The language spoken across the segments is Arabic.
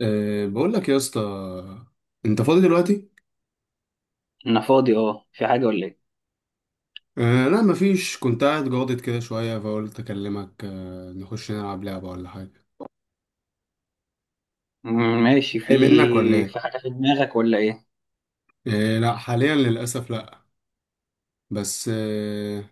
بقول لك يا اسطى، انت فاضي دلوقتي؟ انا فاضي. اه في حاجة ولا ايه؟ أه لا مفيش، كنت قاعد جاضد كده شويه فقلت اكلمك. نخش نلعب لعبه ولا حاجه؟ ماشي. في جاي منك ولا ايه؟ في حاجة في دماغك ولا ايه؟ أه لا، حاليا للاسف لا. بس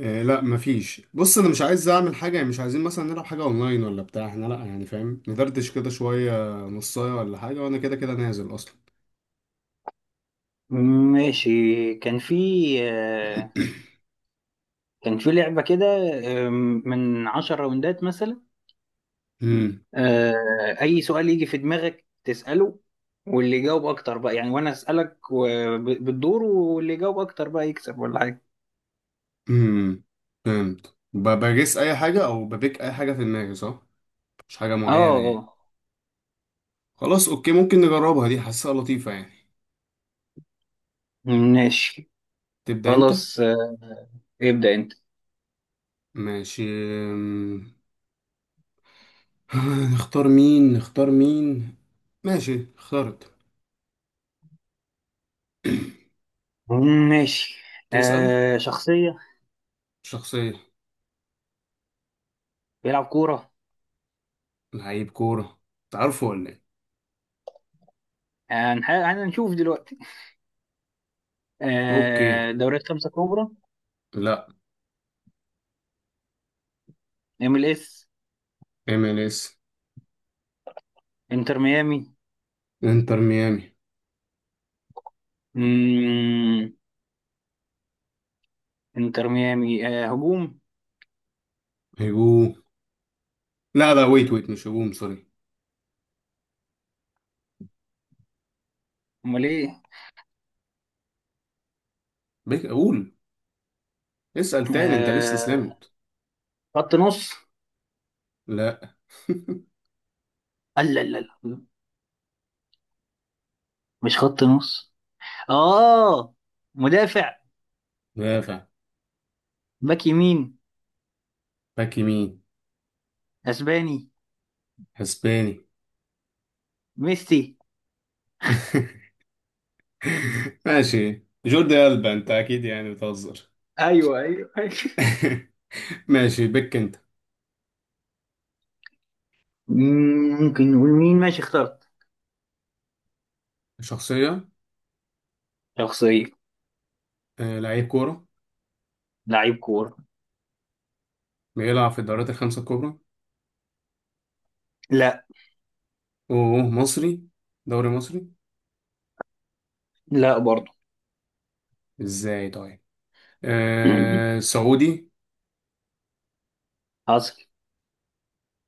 أه لا مفيش، بص انا مش عايز اعمل حاجه، يعني مش عايزين مثلا نلعب حاجه اونلاين ولا بتاع، احنا لا، يعني فاهم، ندردش كده شويه نصايه ولا حاجه، وانا كده كده نازل اصلا. ماشي. كان في آه، كان في لعبة كده آه، من 10 راوندات مثلا. امم آه، اي سؤال يجي في دماغك تسأله، واللي يجاوب اكتر بقى يعني، وانا اسألك بالدور، واللي يجاوب اكتر بقى يكسب ولا حاجة. امم فهمت، بجس اي حاجه او ببيك اي حاجه في دماغي، صح؟ مش حاجه اه، معينه يعني. اه. خلاص اوكي، ممكن نجربها، دي حاسسها لطيفة يعني. ماشي تبدأ انت. خلاص. ابدأ انت. ماشي. أم، نختار مين نختار مين. ماشي اخترت. ماشي. تسأل. شخصية شخصية. بيلعب كورة. لعيب كورة. تعرفه ولا ايه؟ هنشوف دلوقتي. اوكي. دوريات خمسة كبرى. لا. ام ال اس. ام ال اس. انتر ميامي. انتر ميامي. مم، انتر ميامي هجوم. هجوم. لا لا، ويت ويت، مش هجوم، سوري. امال ايه؟ بيك اقول. اسأل تاني، انت لسه آه، سلمت. خط نص. لا. لا لا لا، مش خط نص. اه، مدافع، دافع. باك يمين، باك يمين. اسباني، اسباني. ميسي. ماشي جوردي ألبا، انت اكيد يعني بتهزر. ايوه ايوه أيوة. ماشي، بك انت. ممكن نقول مين. ماشي اخترت. شخصية. شخصية. آه، لعيب كورة. لعيب كورة. بيلعب في الدوريات الخمسة الكبرى. لا. اوه مصري، دوري مصري. لا برضه. ازاي طيب؟ آه سعودي. حصل.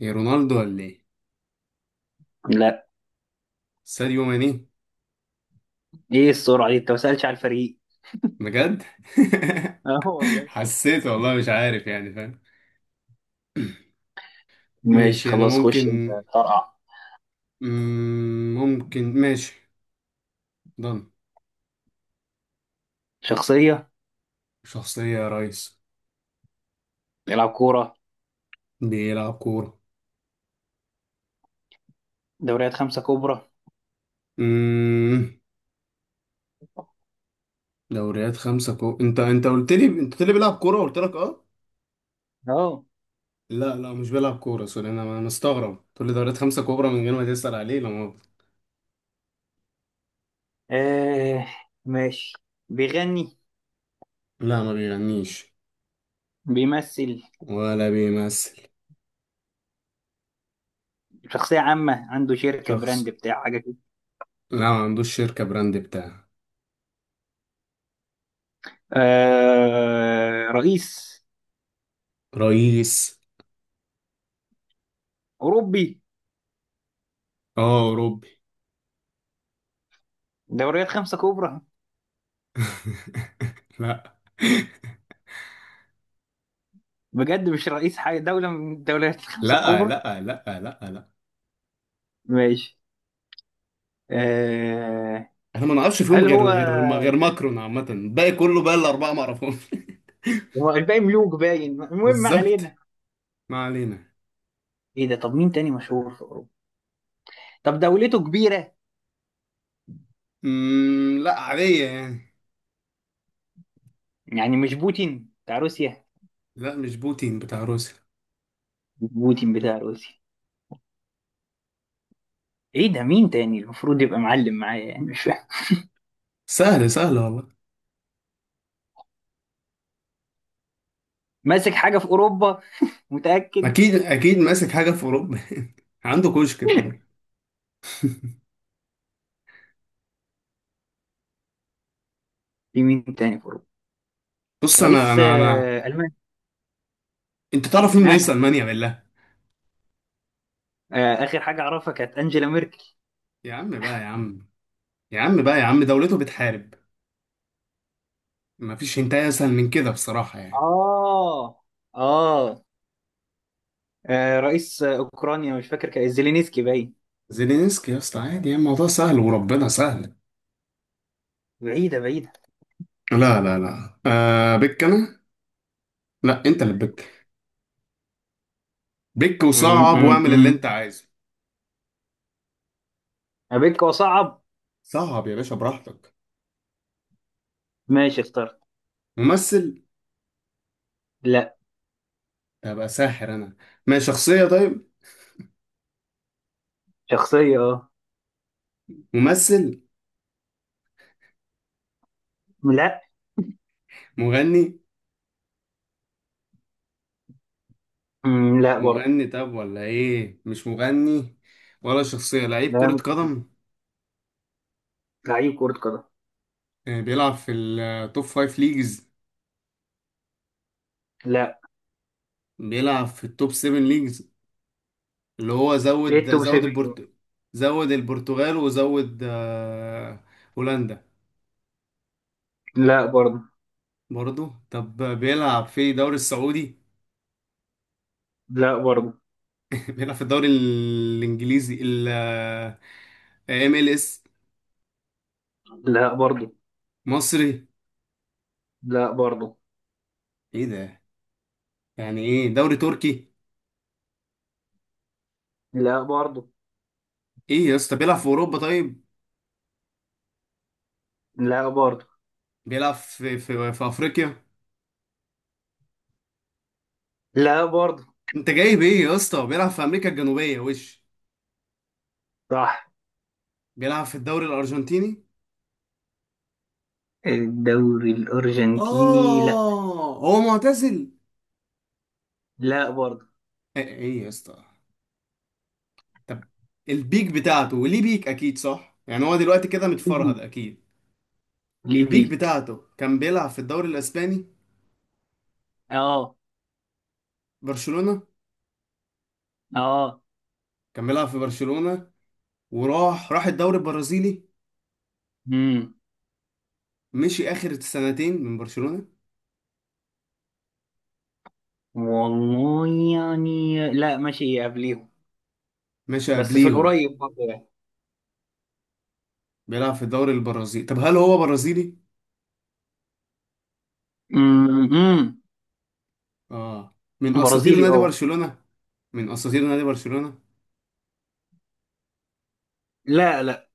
إيه، رونالدو ولا ايه؟ لا. ساديو ماني. ايه السرعة دي؟ انت ما سألتش على الفريق. بجد؟ اه والله. حسيت، والله مش عارف، يعني فاهم. ماشي ماشي انا خلاص، خش انت. ممكن. طرقع. ممكن ماشي. ضن. شخصية. شخصية يا ريس. بيلعب كورة. بيلعب كورة. دوريات خمسة كبرى. مم، دوريات خمسة كو، انت قلت لي، انت قلت لي بيلعب كورة، قلت لك اه. اهو. لا لا، مش بيلعب كورة، سوري. انا مستغرب تقول لي دوريات خمسة كبرى من غير ما تسأل عليه، لا ما. آه. ماشي. بيغني. لا ما بيغنيش. بيمثل. ولا بيمثل. شخصية عامة، عنده شركة براند شخص. بتاع حاجة كده. لا، ما عندوش شركة براند بتاعه. آه، رئيس. رئيس. أوروبي. اه اوروبي. دوريات خمسة كبرى. لا. بجد مش رئيس حاجة، دولة من الدوريات الخمسة لا الكبرى. لا. لا. لا لا. ماشي. آه. انا ما نعرفش فيهم هل غير هو، غير ما غير ماكرون، عامة الباقي كله بقى الأربعة ما اعرفهمش. هو الباقي ملوك باين؟ المهم، ما بالظبط، علينا. ما علينا. ايه ده؟ طب مين تاني مشهور في أوروبا؟ طب دولته كبيرة؟ لا عادية يعني. يعني مش بوتين بتاع روسيا؟ لا مش بوتين بتاع روسيا. بوتين بتاع روسيا. ايه ده؟ مين تاني المفروض يبقى معلم معايا؟ يعني مش فاهم. سهل سهل والله. ماسك حاجة في اوروبا؟ متأكد؟ اكيد اكيد ماسك حاجه في اوروبا. عنده كشك في اوروبا. في مين تاني في اوروبا؟ بص، انا رئيس انا انا المانيا. انت تعرف مين آه. رئيس المانيا بالله؟ آه. اخر حاجة اعرفها كانت انجيلا ميركل. يا عم بقى يا عم. يا عم بقى يا عم، دولته بتحارب. مفيش هنتايه اسهل من كده بصراحه يعني. اه، اه. رئيس اوكرانيا. مش فاكر، كان زيلينسكي باين. زيلينسكي يا اسطى، عادي يعني، الموضوع سهل وربنا سهل. بعيدة. لا لا لا، آه، بك انا. لا، انت اللي بك. بك وصعب، واعمل اللي امم، انت عايزه. ابيك وصعب. صعب يا باشا، براحتك. ماشي اخترت. ممثل. لا. ابقى ساحر انا. ما شخصيه طيب. شخصية، اه. ممثل. لا. مغني. لا برضه. مغني طب، ولا ايه، مش مغني، ولا شخصية لعيب كرة لا، قدم؟ لعيب كرة قدم. آه، بيلعب في التوب فايف ليجز. لا. بيلعب في التوب سيفن ليجز، اللي هو ايه التوب 7 دول؟ زود البرتغال وزود، هولندا. لا برضه. برضو طب، بيلعب في الدوري السعودي؟ لا برضه. بيلعب في الدوري الانجليزي، ال ام ال اس. لا برضه. مصري. لا برضه. ايه ده. يعني ايه، دوري تركي؟ لا برضه. ايه يا اسطى، بيلعب في اوروبا طيب؟ لا برضه. بيلعب في افريقيا. لا برضه. انت جايب ايه يا اسطى، بيلعب في امريكا الجنوبيه وش؟ صح. بيلعب في الدوري الارجنتيني. الدوري الأرجنتيني، لا. اه، هو معتزل؟ لا برضه. ايه إيه يا اسطى. طب، البيك بتاعته، وليه بيك؟ اكيد صح يعني، هو دلوقتي كده ليبيك. متفرهد اكيد. البيك ليبيك. بتاعته كان بيلعب في الدوري الاسباني. اه. برشلونه. اه. كان بيلعب في برشلونه. وراح الدوري البرازيلي. امم. مشي اخر سنتين من برشلونه. والله. يعني لا، ماشي قبليهم. مشى بس في قبليهم. القريب برضه يعني. بيلعب في الدوري البرازيلي، طب هل هو برازيلي؟ امم. اه. من اساطير برازيلي، نادي اه. برشلونة. من اساطير نادي برشلونة. لا.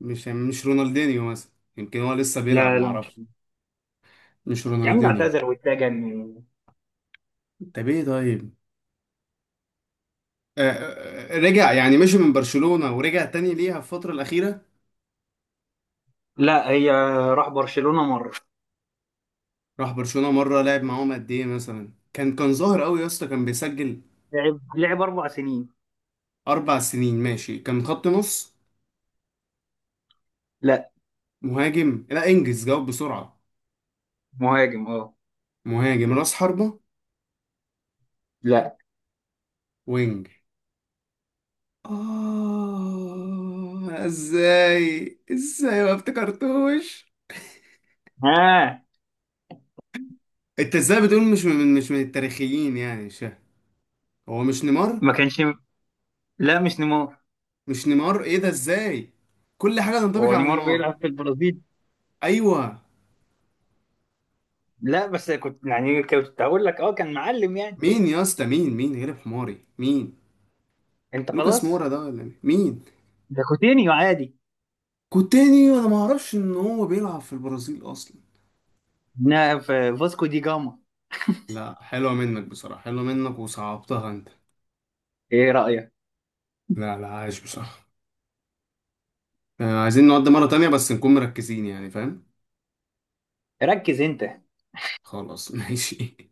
مش يعني مش رونالدينيو مثلا. يمكن هو لسه بيلعب، لا. معرفش. مش يا عم ده رونالدينيو. اعتذر واتجن. طب ايه طيب؟ رجع يعني، مشي من برشلونة ورجع تاني ليها في الفترة الأخيرة؟ لا، هي راح برشلونة مرة. راح برشلونة مرة، لعب معاهم قد ايه مثلا، كان ظاهر قوي يا اسطى، كان بيسجل؟ لعب 4 سنين. 4 سنين ماشي، كان خط نص؟ لا. مهاجم، لا انجز جاوب بسرعة. مهاجم، اه. مهاجم راس حربة؟ لا. وينج. آه ازاي، ازاي ما افتكرتوش؟ ها. انت ازاي بتقول، مش من التاريخيين يعني، مش فاهم. هو مش نيمار؟ ما كانش. لا مش نيمار. مش نيمار، ايه ده ازاي؟ كل حاجة تنطبق هو على نيمار نيمار. بيلعب في البرازيل؟ ايوه. لا، بس كنت يعني كنت هقول لك اه، كان معلم يعني. مين يا اسطى، مين غلب حماري، مين؟ انت لوكاس خلاص. مورا ده ولا مين؟ مين؟ ده كوتينيو عادي. كوتينيو، انا ما اعرفش ان هو بيلعب في البرازيل اصلا. في فاسكو دي جاما. لا حلوة منك بصراحة، حلوة منك وصعبتها انت. ايه رأيك؟ لا لا، عايش بصراحة. آه، عايزين نقعد مرة تانية بس نكون مركزين، يعني فاهم. ركز انت. خلاص ماشي.